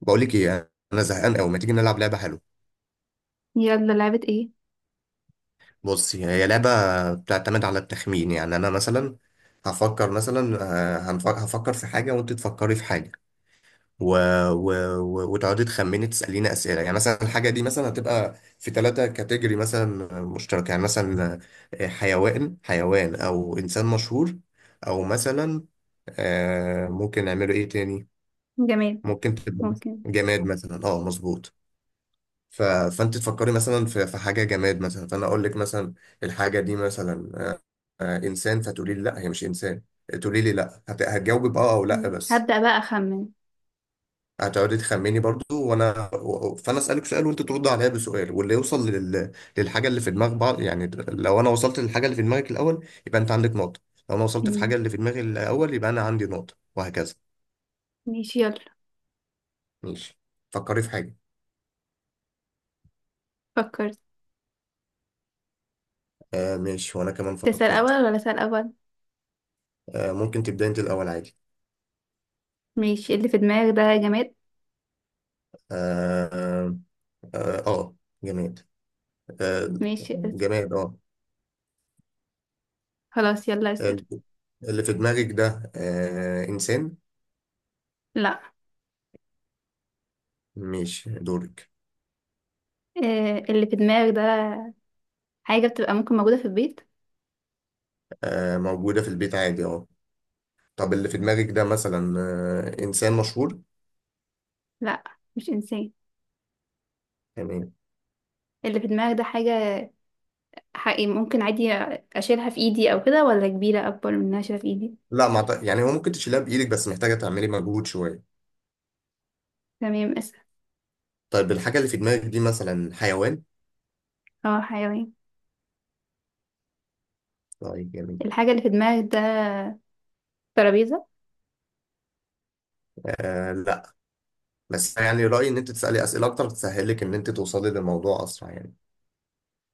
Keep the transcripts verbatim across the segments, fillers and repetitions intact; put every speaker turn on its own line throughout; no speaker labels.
بقول لك ايه، انا زهقان قوي. ما تيجي نلعب لعبه حلوه؟
يلا، لعبة ايه؟
بصي، هي لعبه بتعتمد على التخمين. يعني انا مثلا هفكر مثلا، آه، هنف- هفكر في حاجه وانت تفكري في حاجه و... و... و... وتقعدي تخمني، تساليني اسئله. يعني مثلا الحاجه دي مثلا هتبقى في ثلاثه كاتيجوري مثلا مشتركه. يعني مثلا آه، حيوان حيوان او انسان مشهور، او مثلا آه، ممكن نعمله ايه تاني.
جماد.
ممكن تبقى مثلاً
ممكن.
جماد مثلا، اه مظبوط. ف... فانت تفكري مثلا في... في حاجه جماد مثلا، فانا اقول لك مثلا الحاجه دي مثلا آه، آه، انسان، فتقولي لي لا هي مش انسان. تقولي لي لا. هت... هتجاوبي باه او لا
مم.
بس.
هبدأ بقى أخمن.
هتقعدي تخمني برضو. وانا و- فانا اسالك سؤال وانت ترد عليا بسؤال، واللي يوصل لل... للحاجه اللي في دماغ بعض. يعني لو انا وصلت للحاجه اللي في دماغك الاول، يبقى انت عندك نقطه. لو انا وصلت في
مم.
حاجه اللي في دماغي الاول، يبقى انا عندي نقطه، وهكذا.
ماشي، يلا.
ماشي، فكري في حاجه.
فكرت.
آه ماشي، وانا كمان
تسأل
فكرت.
أول ولا أسأل أول؟
آه، ممكن تبداي انت الاول عادي.
ماشي. اللي في دماغك ده جماد؟
آه. اه آه، جماد. آه،
ماشي اس-
جماد اه.
خلاص، يلا اسأل.
اللي في دماغك ده آه، انسان؟
لا.
مش دورك.
آه اللي في دماغك ده حاجة بتبقى، ممكن موجودة في البيت؟
آه، موجودة في البيت عادي اه. طب اللي في دماغك ده مثلا آه، انسان مشهور؟
لا، مش إنسان.
تمام.
اللي في دماغك ده حاجة حقيقي، ممكن عادي؟ أشيلها في إيدي أو كده، ولا كبيرة أكبر من إنها أشيلها في إيدي؟
لا ما أعت- يعني هو ممكن تشيلها بايدك، بس محتاجة تعملي مجهود شوية.
تمام، اسأل.
طيب الحاجة اللي في دماغك دي مثلا حيوان؟
اه، حيوان.
طيب جميل.
الحاجة اللي في دماغك ده ترابيزة؟
آه لا. بس يعني رأيي ان انت تسألي اسئلة اكتر، تسهلك ان انت توصلي للموضوع اسرع يعني.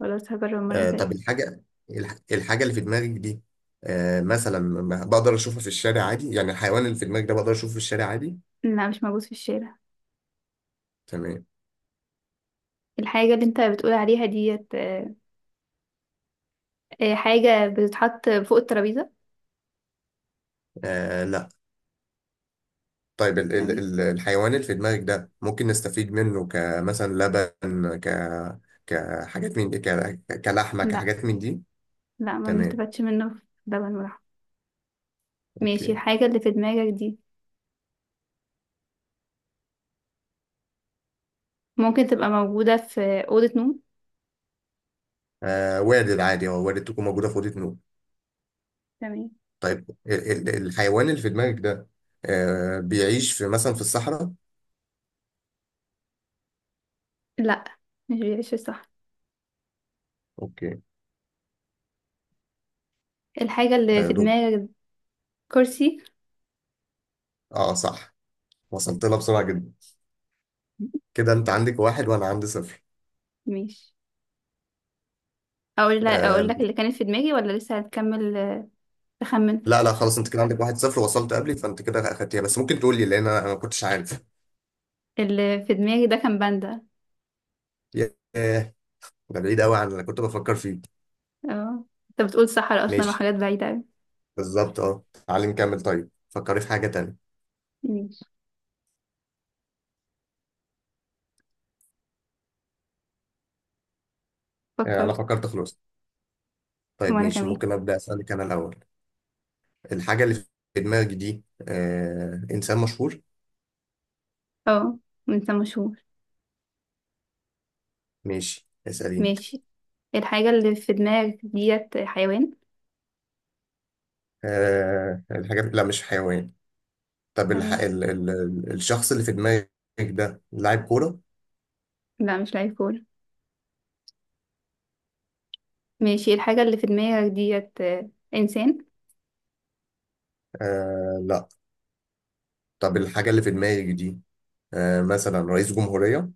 ولا هجرب المرة
آه،
الجاية.
طب الحاجة الح- الحاجة اللي في دماغك دي آه، مثلا، ما- بقدر اشوفها في الشارع عادي؟ يعني الحيوان اللي في دماغك ده، بقدر اشوفه في الشارع عادي؟
لا، مش موجود في الشارع.
تمام.
الحاجة اللي انت بتقول عليها ديت، آه، آه، حاجة بتتحط فوق الترابيزة؟
آه لا. طيب ال ال
تمام.
ال- الحيوان اللي في دماغك ده، ممكن نستفيد منه كمثلا لبن، ك كحاجات من دي ك... كلحمة،
لا،
كحاجات من دي؟
لا، ما
تمام.
بنستفادش منه في لبن ولحم. ماشي.
اوكي.
الحاجة اللي في دماغك دي ممكن تبقى موجودة في أوضة نوم؟
آه وارد عادي، هو وارد تكون موجودة في أوضة نوم.
تمام.
طيب ال ال الحيوان اللي في دماغك ده آه، بيعيش في مثلا في الصحراء؟
لا، مش بيعيش صح.
اوكي.
الحاجة اللي
آه
في
دول.
دماغك دي كرسي؟
اه صح، وصلت لها بسرعة جدا. كده انت عندك واحد وانا عندي صفر.
ماشي. اقول لك اقول
آه.
لك اللي كانت في دماغي، ولا لسه هتكمل؟ آه، تخمن.
لا لا خلاص انت كده عندك واحد صفر، وصلت قبلي. فانت كده اخدتيها. بس ممكن تقول لي، لان انا أنا ما كنتش عارف.
اللي في دماغي ده كان باندا.
ياه، ده بعيد قوي عن اللي كنت بفكر فيه.
اه، انت بتقول صحراء اصلا
ماشي،
وحاجات بعيدة اوي.
بالظبط اه. تعالي نكمل. طيب فكري في حاجه تانية.
ماشي.
آه انا
فكرت.
فكرت خلاص. طيب
وانا
ماشي،
كمان.
ممكن ابدا اسالك انا الاول. الحاجه اللي في دماغي دي آه، انسان مشهور.
اه، انت مشهور؟
ماشي اساليني.
ماشي. الحاجة اللي في دماغك ديت حيوان؟
آه الحاجه لا، مش حيوان. طب الح...
تمام.
ال... ال... ال- الشخص اللي في دماغك ده لاعب كوره؟
لا، مش لعيب كورة. ماشي. الحاجة اللي في دماغك ديت آه، إنسان؟
آه لا. طب الحاجة اللي في دماغي دي آه مثلا رئيس جمهورية.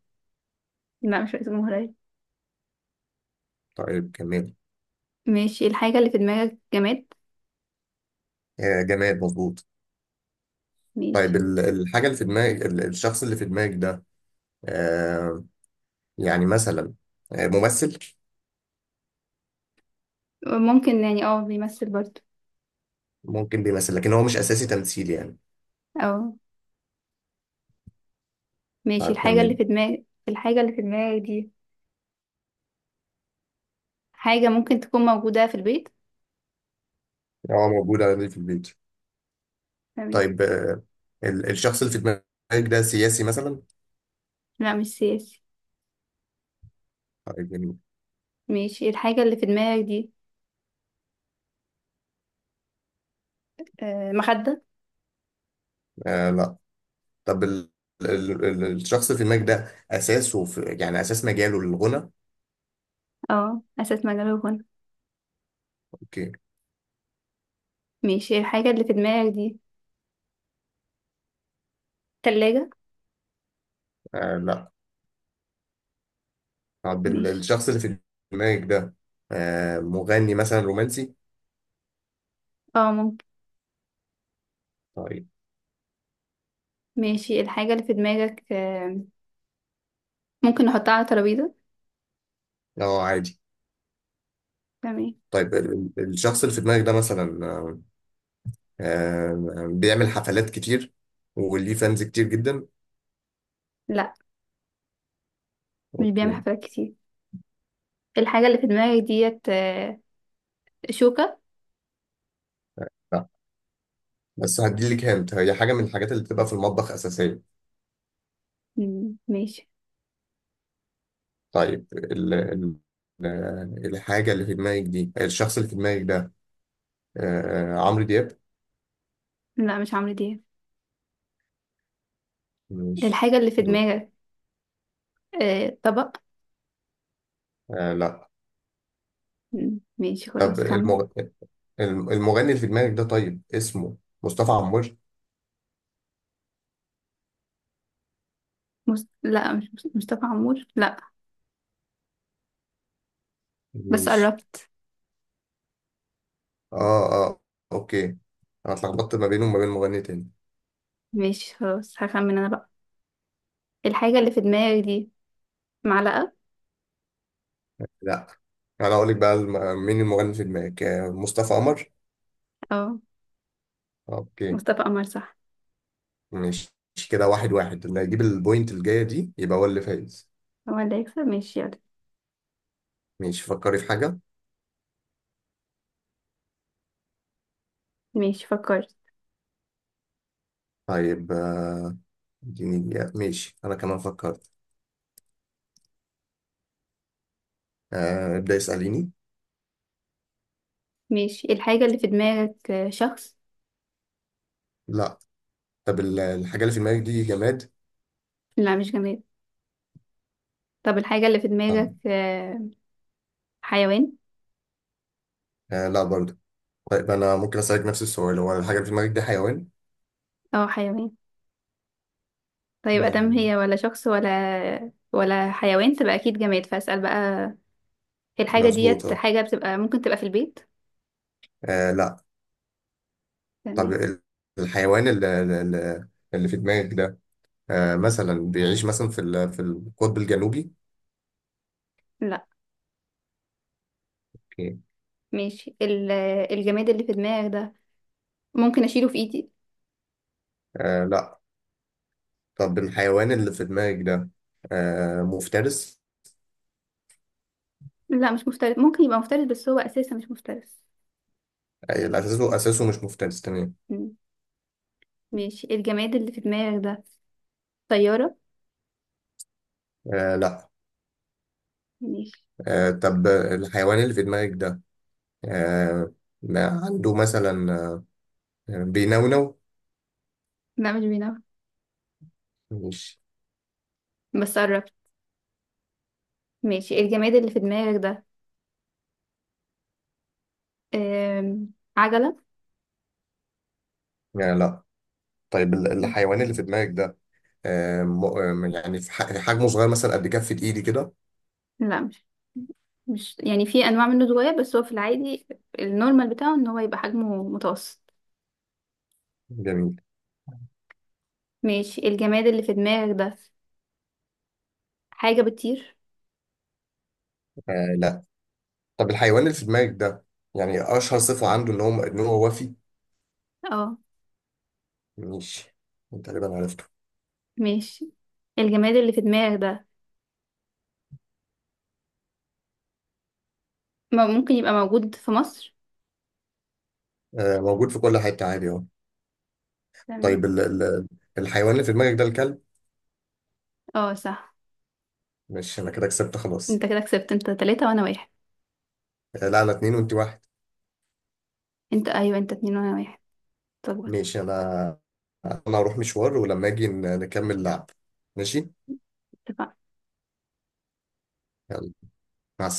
لا، مش رئيس جمهورية.
طيب كمال.
ماشي. الحاجة اللي في دماغك جماد؟
آه جمال، مظبوط.
ماشي.
طيب ال- الحاجة اللي في دماغك ال- الشخص اللي في دماغك ده آه، يعني مثلا آه ممثل؟
ممكن، يعني اه بيمثل برضه.
ممكن بيمثل، لكن هو مش أساسي تمثيل يعني.
أو. ماشي.
طيب
الحاجة اللي
كمل.
في دماغك الحاجة اللي في دماغك دي حاجة ممكن تكون موجودة في البيت؟
هو موجود عندي في البيت.
تمام.
طيب آه، ال- الشخص اللي في دماغك ده سياسي مثلا؟
لا، مش سياسي.
طيب جميل.
ماشي. الحاجة اللي في دماغك دي آه، مخدة؟
آه لا. طب ال ال- ال- الشخص اللي في دماغك ده أساسه في، يعني أساس مجاله للغنى؟
اه، أساس مجال الغنى؟
أوكي.
ماشي. الحاجة اللي في دماغك دي تلاجة؟
آه لا. طب ال-
ماشي.
الشخص اللي في دماغك ده آه، مغني مثلا رومانسي؟
اه، ممكن.
طيب.
ماشي. الحاجة اللي في دماغك، آه، ممكن نحطها على ترابيزة؟
اه عادي.
تمام.
طيب ال- ال- الشخص اللي في دماغك ده مثلا آه، آه، بيعمل حفلات كتير، وليه فانز كتير جدا؟
لا، مش بيعمل
اوكي.
حفلات كتير. الحاجة اللي في دماغك ديت آه، شوكة؟
لا بس هديلك، هنت هي حاجة من الحاجات اللي بتبقى في المطبخ أساسية.
مم، ماشي.
طيب ال ال ال- الحاجة اللي في دماغك دي الشخص اللي في دماغك ده آه، عمرو دياب؟
لا، مش عمرو دياب.
ماشي.
الحاجة اللي في
دول.
دماغك، آه، طبق؟
آه لا.
مم، ماشي،
طب
خلاص كمل.
المغ... الم- المغني اللي في دماغك ده، طيب اسمه مصطفى عمور؟
مس... لا، مش مس- مصطفى عمور، لا. بس
ماشي.
قربت.
اه اه. اوكي، انا اتلخبطت ما بينه وما بين مغني تاني.
ماشي، خلاص هخمن انا بقى. الحاجة اللي في دماغك دي معلقة؟
لا، انا اقول لك بقى، الم- مين المغني في دماغك؟ آه، مصطفى قمر.
اه،
اوكي.
مصطفى قمر، صح.
ماشي. كده واحد واحد، اللي هيجيب البوينت الجاية دي يبقى هو اللي فايز.
هو اللي هيكسب. ماشي، يلا.
ماشي، فكري في حاجة.
ماشي، فكرت.
طيب آه، اديني دقيقة. ماشي، انا كمان فكرت. آه، ابدأ اسأليني.
ماشي. الحاجة اللي في دماغك آه، شخص؟
لا. طب ال- الحاجة اللي في دماغك دي جماد؟
لا، مش جماد. طب، الحاجة اللي في
آه.
دماغك آه، حيوان؟
آه لا برضه. طيب انا ممكن اسألك نفس السؤال، هو الحاجة اللي في دماغك دي حيوان؟
اه، حيوان. طيب، ادام
آه،
هي ولا شخص ولا ولا حيوان، تبقى اكيد جماد، فاسأل بقى. هي الحاجة
مظبوط
ديت
اه.
حاجة بتبقى، ممكن تبقى في البيت؟
آه، لا. طب
تمام.
ال- الحيوان اللي, اللي اللي في دماغك ده آه، مثلا بيعيش مثلا في ال- في القطب الجنوبي؟
لا.
اوكي.
ماشي. ال- الجماد اللي في دماغك ده ممكن اشيله في ايدي؟
آه لا. طب الحيوان اللي في دماغك ده آه، مفترس؟
لا، مش مفترس. ممكن يبقى مفترس بس هو اساسا مش مفترس.
آه، لا، اساسه اساسه مش مفترس. تمام.
مم. ماشي. الجماد اللي في دماغك ده طيارة؟
آه لا.
ماشي.
آه، طب الحيوان اللي في دماغك ده آه، ما عنده مثلا آه بينونو؟
لا، مش بينام.
مش.
بس قربت. ماشي. الجماد اللي في دماغك ده آم، عجلة؟
آه لا. طيب ال- الحيوان اللي في دماغك ده آه م- آه، يعني في ح- حجمه صغير مثلا، قد كفة ايدي كده؟
لا، مش مش يعني في انواع منه صغير، بس هو في العادي النورمال بتاعه ان هو يبقى حجمه متوسط.
جميل.
ماشي. الجماد اللي في دماغك ده حاجة بتطير؟
آه لا. طب الحيوان اللي في دماغك ده، يعني اشهر صفة عنده ان هو ان هو وفي؟
اه.
ماشي. أنت تقريبا عرفته.
ماشي. الجماد اللي في دماغك ده ما- ممكن يبقى موجود في مصر؟
آه موجود في كل حتة عادي اهو.
تمام.
طيب ال ال الحيوان اللي في دماغك ده الكلب؟
اه، صح.
ماشي، انا كده كسبت خلاص.
انت كده كسبت. انت تلاتة وانا واحد.
آه لا، انا اتنين وانت واحد.
انت، ايوه، انت اتنين وانا واحد. طب.
ماشي. انا انا هروح مشوار، ولما اجي ن- نكمل لعب. ماشي،
اتفقنا.
يلا، مع السلامة.